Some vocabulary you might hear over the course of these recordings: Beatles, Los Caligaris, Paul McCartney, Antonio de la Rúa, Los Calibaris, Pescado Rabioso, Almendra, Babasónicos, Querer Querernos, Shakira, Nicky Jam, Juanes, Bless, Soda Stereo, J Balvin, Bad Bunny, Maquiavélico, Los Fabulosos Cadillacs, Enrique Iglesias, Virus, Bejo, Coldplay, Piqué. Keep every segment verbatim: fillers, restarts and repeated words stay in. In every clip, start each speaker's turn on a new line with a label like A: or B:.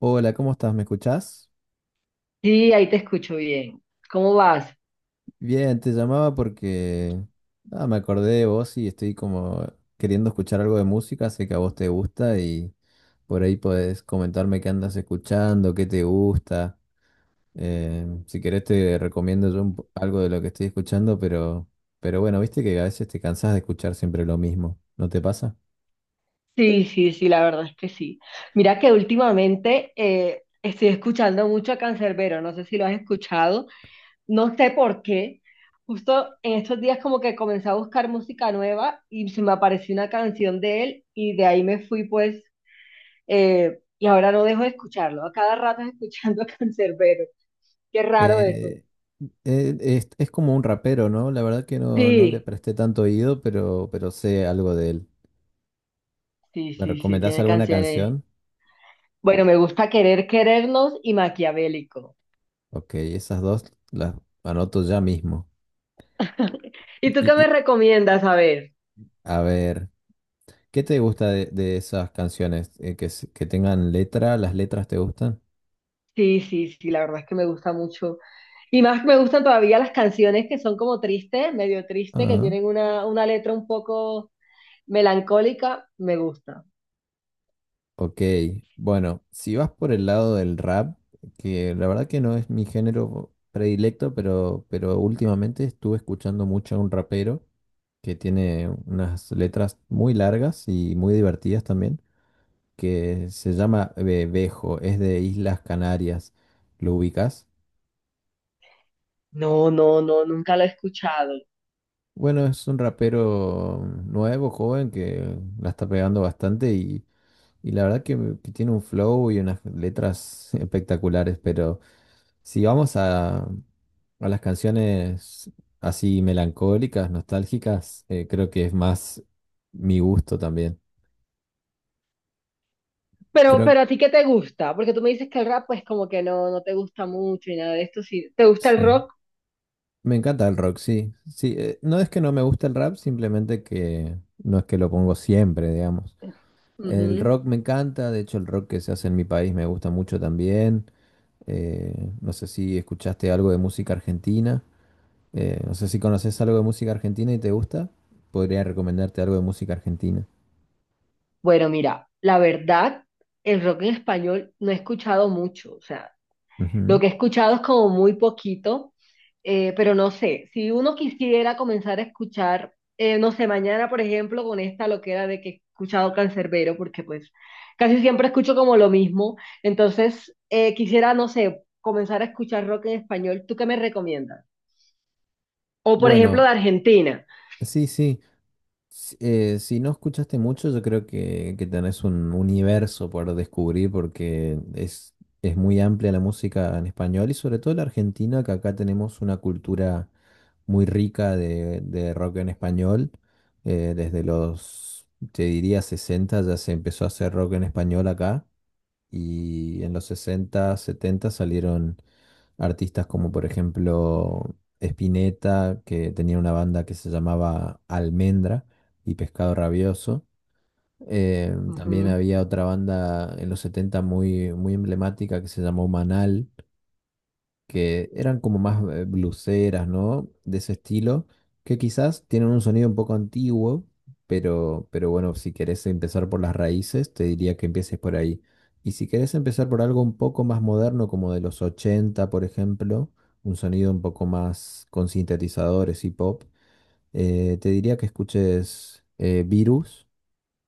A: Hola, ¿cómo estás? ¿Me escuchás?
B: Sí, ahí te escucho bien. ¿Cómo vas?
A: Bien, te llamaba porque ah, me acordé de vos y estoy como queriendo escuchar algo de música, sé que a vos te gusta y por ahí podés comentarme qué andas escuchando, qué te gusta. Eh, si querés te recomiendo yo un po- algo de lo que estoy escuchando, pero, pero bueno, viste que a veces te cansás de escuchar siempre lo mismo, ¿no te pasa?
B: Sí, sí, sí, la verdad es que sí. Mira que últimamente eh, estoy escuchando mucho a Canserbero, no sé si lo has escuchado, no sé por qué. Justo en estos días como que comencé a buscar música nueva y se me apareció una canción de él y de ahí me fui pues eh, Y ahora no dejo de escucharlo. A cada rato escuchando a Canserbero. Qué raro eso.
A: Eh, eh, es, es como un rapero, ¿no? La verdad que no, no le
B: Sí,
A: presté tanto oído, pero, pero sé algo de él.
B: sí,
A: ¿Me
B: sí, sí,
A: recomendás
B: tiene
A: alguna
B: canciones.
A: canción?
B: Bueno, me gusta Querer Querernos y Maquiavélico.
A: Ok, esas dos las anoto ya mismo.
B: ¿Y tú qué
A: Y,
B: me
A: y,
B: recomiendas? A ver.
A: a ver, ¿qué te gusta de, de esas canciones? Eh, que, s- que tengan letra, ¿las letras te gustan?
B: Sí, sí, sí, la verdad es que me gusta mucho. Y más me gustan todavía las canciones que son como tristes, medio tristes, que
A: Ah,
B: tienen una, una letra un poco melancólica, me gusta.
A: ok. Bueno, si vas por el lado del rap, que la verdad que no es mi género predilecto, pero, pero últimamente estuve escuchando mucho a un rapero que tiene unas letras muy largas y muy divertidas también, que se llama Be- Bejo, es de Islas Canarias. ¿Lo ubicas?
B: No, no, no, nunca lo he escuchado.
A: Bueno, es un rapero nuevo, joven, que la está pegando bastante y, y la verdad que, que tiene un flow y unas letras espectaculares, pero si vamos a, a las canciones así melancólicas, nostálgicas, eh, creo que es más mi gusto también.
B: Pero,
A: Creo,
B: pero a ti ¿qué te gusta? Porque tú me dices que el rap pues como que no, no te gusta mucho y nada de esto. Sí, ¿te gusta
A: sí.
B: el rock?
A: Me encanta el rock, sí. Sí, eh, no es que no me guste el rap, simplemente que no es que lo pongo siempre, digamos. El
B: Ujú.
A: rock me encanta, de hecho el rock que se hace en mi país me gusta mucho también. Eh, no sé si escuchaste algo de música argentina. Eh, no sé si conoces algo de música argentina y te gusta. Podría recomendarte algo de música argentina.
B: Bueno, mira, la verdad, el rock en español no he escuchado mucho. O sea, lo
A: Ujú.
B: que he escuchado es como muy poquito, eh, pero no sé, si uno quisiera comenzar a escuchar, eh, no sé, mañana, por ejemplo, con esta loquera de que he escuchado Cancerbero, porque pues casi siempre escucho como lo mismo, entonces eh, quisiera, no sé, comenzar a escuchar rock en español. ¿Tú qué me recomiendas? O por ejemplo de
A: Bueno,
B: Argentina.
A: sí, sí. Si, eh, si no escuchaste mucho, yo creo que, que tenés un universo por descubrir porque es, es muy amplia la música en español y sobre todo la argentina, que acá tenemos una cultura muy rica de, de rock en español. Eh, desde los, Te diría, sesenta ya se empezó a hacer rock en español acá y en los sesenta, setenta salieron artistas como por ejemplo Spinetta, que tenía una banda que se llamaba Almendra y Pescado Rabioso. Eh, también
B: Ujú.
A: había otra banda en los setenta muy, muy emblemática que se llamó Manal, que eran como más eh, blueseras, ¿no? De ese estilo, que quizás tienen un sonido un poco antiguo, pero, pero bueno, si querés empezar por las raíces, te diría que empieces por ahí. Y si querés empezar por algo un poco más moderno, como de los ochenta por ejemplo, un sonido un poco más con sintetizadores y pop, eh, te diría que escuches eh, Virus,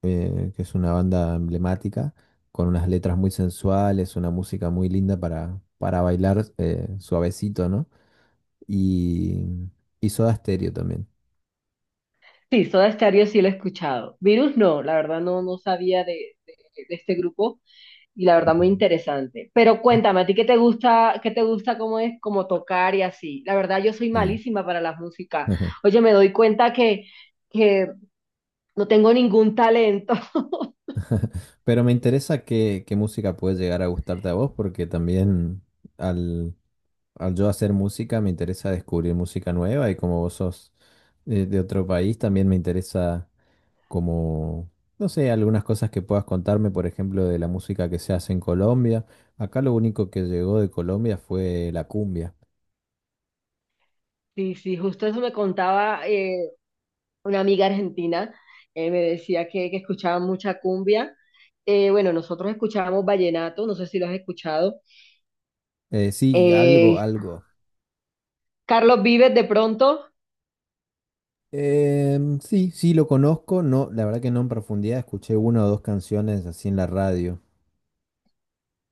A: eh, que es una banda emblemática, con unas letras muy sensuales, una música muy linda para, para bailar eh, suavecito, ¿no? Y, y Soda Stereo también.
B: Sí, Soda Stereo sí lo he escuchado. Virus no, la verdad no, no sabía de, de de este grupo. Y la verdad, muy
A: Ujú.
B: interesante. Pero
A: Eh,
B: cuéntame, ¿a ti qué te gusta, qué te gusta cómo es, cómo tocar y así? La verdad, yo soy
A: Sí.
B: malísima para la música.
A: Ajá.
B: Oye, me doy cuenta que, que no tengo ningún talento.
A: Pero me interesa qué, qué música puede llegar a gustarte a vos, porque también al, al yo hacer música me interesa descubrir música nueva y como vos sos eh, de otro país, también me interesa como, no sé, algunas cosas que puedas contarme, por ejemplo, de la música que se hace en Colombia. Acá lo único que llegó de Colombia fue la cumbia.
B: Sí, sí, justo eso me contaba eh, una amiga argentina. Eh, me decía que, que escuchaba mucha cumbia. Eh, bueno, nosotros escuchábamos vallenato, no sé si lo has escuchado.
A: Eh, sí, algo,
B: Eh,
A: algo.
B: Carlos Vives de pronto,
A: Em, sí, sí lo conozco, no, la verdad que no en profundidad, escuché una o dos canciones así en la radio.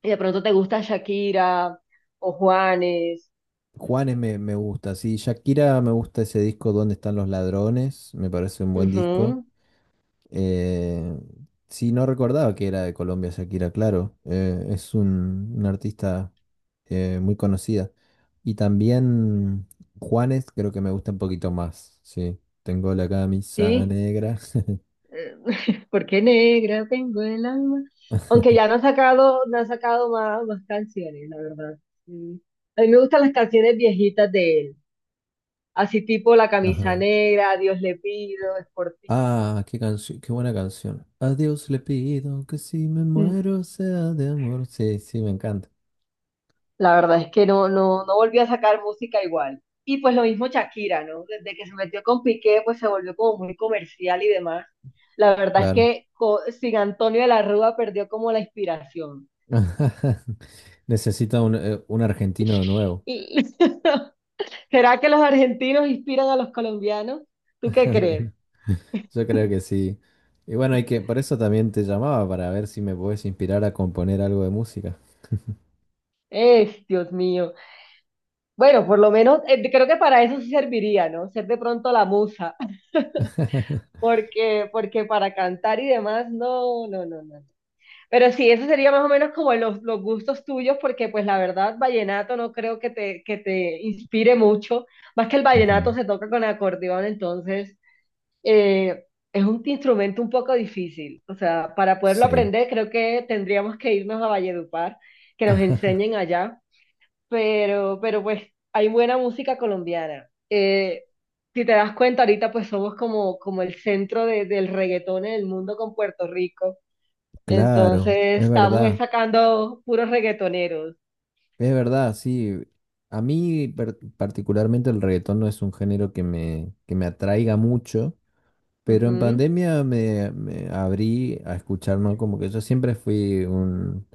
B: y de pronto te gusta Shakira o Juanes.
A: Juanes me, me gusta, sí, Shakira me gusta ese disco Donde están los ladrones? Me parece un buen disco.
B: Ujú,
A: Eh, sí, no recordaba que era de Colombia Shakira, claro. Eh, es un, una artista eh, muy conocida. Y también Juanes creo que me gusta un poquito más. Sí, tengo la camisa
B: sí.
A: negra.
B: Porque negra tengo el alma. Aunque ya no ha sacado, no ha sacado más, más canciones, la verdad. Mm. A mí me gustan las canciones viejitas de él. Así tipo La camisa
A: Ajá.
B: negra, A Dios le pido, Es por ti.
A: Ah, qué canción, qué buena canción. A Dios le pido que si me
B: Mm.
A: muero sea de amor. Sí, sí, me encanta.
B: La verdad es que no, no, no volvió a sacar música igual. Y pues lo mismo Shakira, ¿no? Desde que se metió con Piqué, pues se volvió como muy comercial y demás. La verdad es
A: Claro.
B: que co- sin Antonio de la Rúa perdió como la inspiración.
A: Necesito un, eh, un argentino de nuevo.
B: Y ¿será que los argentinos inspiran a los colombianos? ¿Tú qué crees?
A: Yo creo que sí. Y bueno, hay que, por eso también te llamaba, para ver si me puedes inspirar a componer algo de música.
B: Es, Dios mío. Bueno, por lo menos eh, creo que para eso sí serviría, ¿no? Ser de pronto la musa, porque, porque para cantar y demás, no, no, no, no. Pero sí, eso sería más o menos como los, los gustos tuyos, porque pues la verdad, vallenato no creo que te, que te inspire mucho, más que el vallenato
A: Ujú.
B: se toca con acordeón, entonces… eh, es un instrumento un poco difícil. O sea, para poderlo
A: Sí,
B: aprender, creo que tendríamos que irnos a Valledupar, que nos enseñen allá. Pero, pero pues hay buena música colombiana. Eh, si te das cuenta, ahorita pues somos como, como el centro de- del reggaetón en el mundo con Puerto Rico. Entonces
A: claro, es
B: estamos
A: verdad,
B: sacando puros reggaetoneros.
A: es verdad, sí. A mí per- particularmente el reggaetón no es un género que me, que me atraiga mucho, pero en
B: Ujú,
A: pandemia me, me abrí a escuchar, ¿no? Como que yo siempre fui un,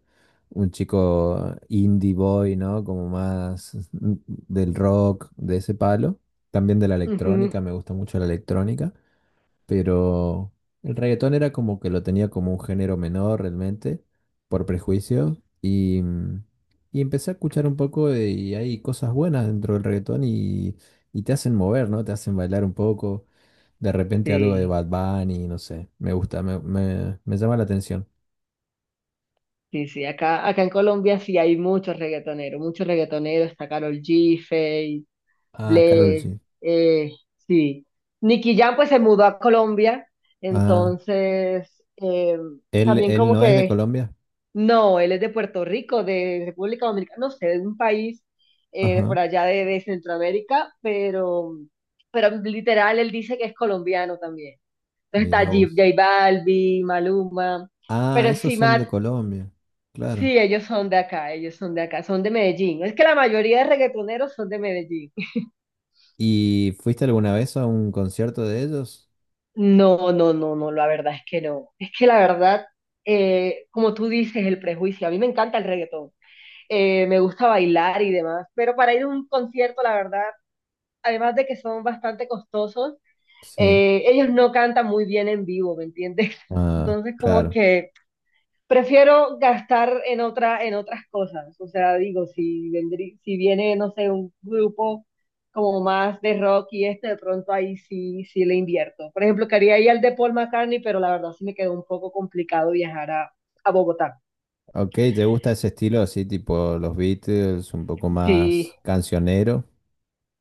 A: un chico indie boy, ¿no? Como más del rock, de ese palo. También de la
B: ujú.
A: electrónica, me gusta mucho la electrónica. Pero el reggaetón era como que lo tenía como un género menor realmente, por prejuicio. Y, mm, y empecé a escuchar un poco de- y hay cosas buenas dentro del reggaetón y, y te hacen mover, ¿no? Te hacen bailar un poco de repente algo de
B: Sí,
A: Bad Bunny, no sé. Me gusta, me, me- me llama la atención.
B: sí, sí. Acá, acá en Colombia sí hay muchos reggaetoneros, muchos reggaetoneros. Está Karol G,
A: Ah, Karol
B: Bless,
A: G.
B: eh, sí. Nicky Jam pues se mudó a Colombia,
A: Ah,
B: entonces eh,
A: él,
B: también
A: él
B: como
A: no es de
B: que,
A: Colombia.
B: no, él es de Puerto Rico, de República Dominicana, no sé, de un país eh,
A: Ajá,
B: por allá de, de Centroamérica, pero, pero literal él dice que es colombiano también. Entonces está
A: mira
B: J,
A: vos.
B: J Balvin, Maluma,
A: Ah,
B: pero
A: esos
B: sí,
A: son
B: Matt,
A: de Colombia. Claro.
B: sí, ellos son de acá, ellos son de acá, son de Medellín. Es que la mayoría de reggaetoneros son de Medellín.
A: ¿Y fuiste alguna vez a un concierto de ellos?
B: No, no, no, no, la verdad es que no. Es que la verdad, eh, como tú dices, el prejuicio. A mí me encanta el reggaetón. Eh, me gusta bailar y demás. Pero para ir a un concierto, la verdad, además de que son bastante costosos,
A: Sí.
B: eh, ellos no cantan muy bien en vivo, ¿me entiendes?
A: Ah,
B: Entonces, como
A: claro.
B: que prefiero gastar en otra, en otras cosas. O sea, digo, si vendrí- si viene, no sé, un grupo como más de rock y este, de pronto ahí sí, sí le invierto. Por ejemplo, quería ir al de Paul McCartney, pero la verdad sí me quedó un poco complicado viajar a, a Bogotá.
A: Ok, ¿te gusta ese estilo así, tipo los Beatles, un poco
B: Sí,
A: más cancionero?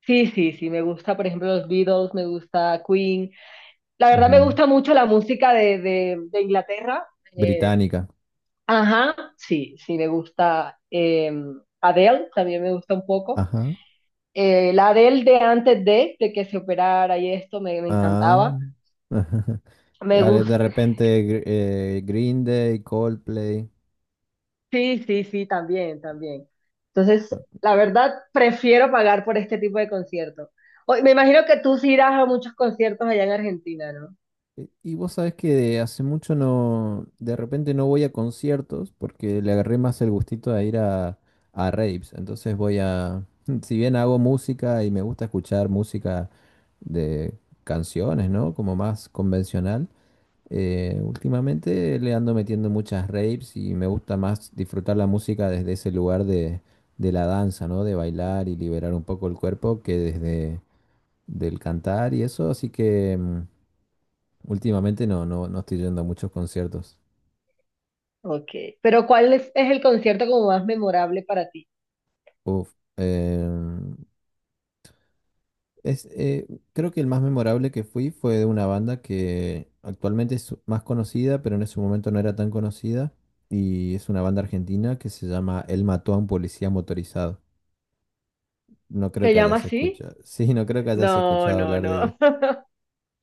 B: sí, sí, sí, me gusta, por ejemplo, los Beatles, me gusta Queen. La verdad me
A: Ujú.
B: gusta mucho la música de, de, de Inglaterra. Eh,
A: Británica.
B: ajá, sí, sí, me gusta eh, Adele, también me gusta un poco.
A: Ajá.
B: Eh, la Adele de antes de, de que se operara y esto me, me
A: Ah,
B: encantaba. Me
A: Ale,
B: gusta.
A: de repente Gr- eh, Green Day, Coldplay.
B: Sí, sí, sí, también, también. Entonces, la verdad, prefiero pagar por este tipo de conciertos. O- Me imagino que tú sí irás a muchos conciertos allá en Argentina, ¿no?
A: Y y vos sabés que de hace mucho no, de repente no voy a conciertos porque le agarré más el gustito a ir a, a raves. Entonces voy a, si bien hago música y me gusta escuchar música de canciones, ¿no? Como más convencional. Eh, últimamente le ando metiendo muchas raves y me gusta más disfrutar la música desde ese lugar de, de la danza, ¿no? De bailar y liberar un poco el cuerpo que desde del cantar y eso, así que mm, últimamente no, no, no estoy yendo a muchos conciertos.
B: Ok. Pero ¿cuál es, es el concierto como más memorable para ti?
A: Uf, em, es, eh, Creo que el más memorable que fui fue de una banda que actualmente es más conocida, pero en ese momento no era tan conocida, y es una banda argentina que se llama Él mató a un policía motorizado. No creo
B: ¿Se
A: que
B: llama
A: hayas
B: así?
A: escuchado. Sí, no creo que hayas
B: No,
A: escuchado
B: no,
A: hablar de
B: no.
A: ella.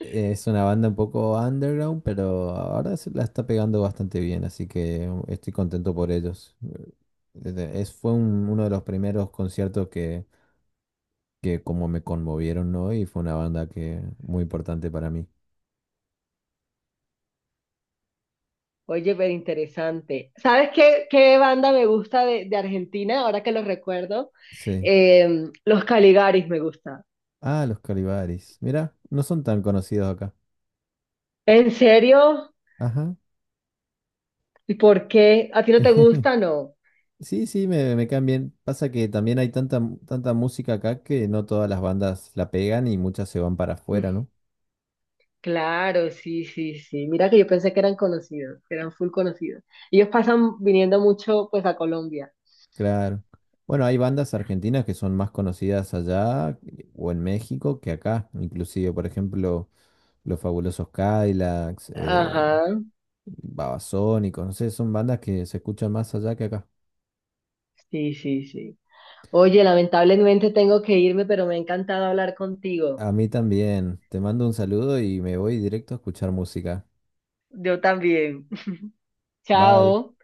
A: Es una banda un poco underground, pero ahora se la está pegando bastante bien, así que um, estoy contento por ellos. Desde- Es, fue un- uno de los primeros conciertos que, que como me conmovieron, ¿no? Y fue una banda que muy importante para mí.
B: Oye, pero interesante. ¿Sabes qué, qué banda me gusta de, de Argentina, ahora que lo recuerdo?
A: Sí.
B: Eh, Los Caligaris me gusta.
A: Ah, los Calibaris. Mira, no son tan conocidos acá.
B: ¿En serio?
A: Ajá.
B: ¿Y por qué? ¿A ti no te gusta? No.
A: Sí, sí, me, me caen bien. Pasa que también hay tanta, mu- tanta música acá que no todas las bandas la pegan y muchas se van para afuera,
B: Mm,
A: ¿no?
B: claro, sí, sí, sí. Mira que yo pensé que eran conocidos, que eran full conocidos. Ellos pasan viniendo mucho pues a Colombia.
A: Claro. Bueno, hay bandas argentinas que son más conocidas allá eh, o en México que acá. Inclusive, por ejemplo, Los Fabulosos Cadillacs, eh,
B: Ajá,
A: Babasónicos, no sé, son bandas que se escuchan más allá que acá.
B: sí, sí, sí. Oye, lamentablemente tengo que irme, pero me ha encantado hablar contigo.
A: A mí también. Te mando un saludo y me voy directo a escuchar música.
B: Yo también.
A: Bye.
B: Chao.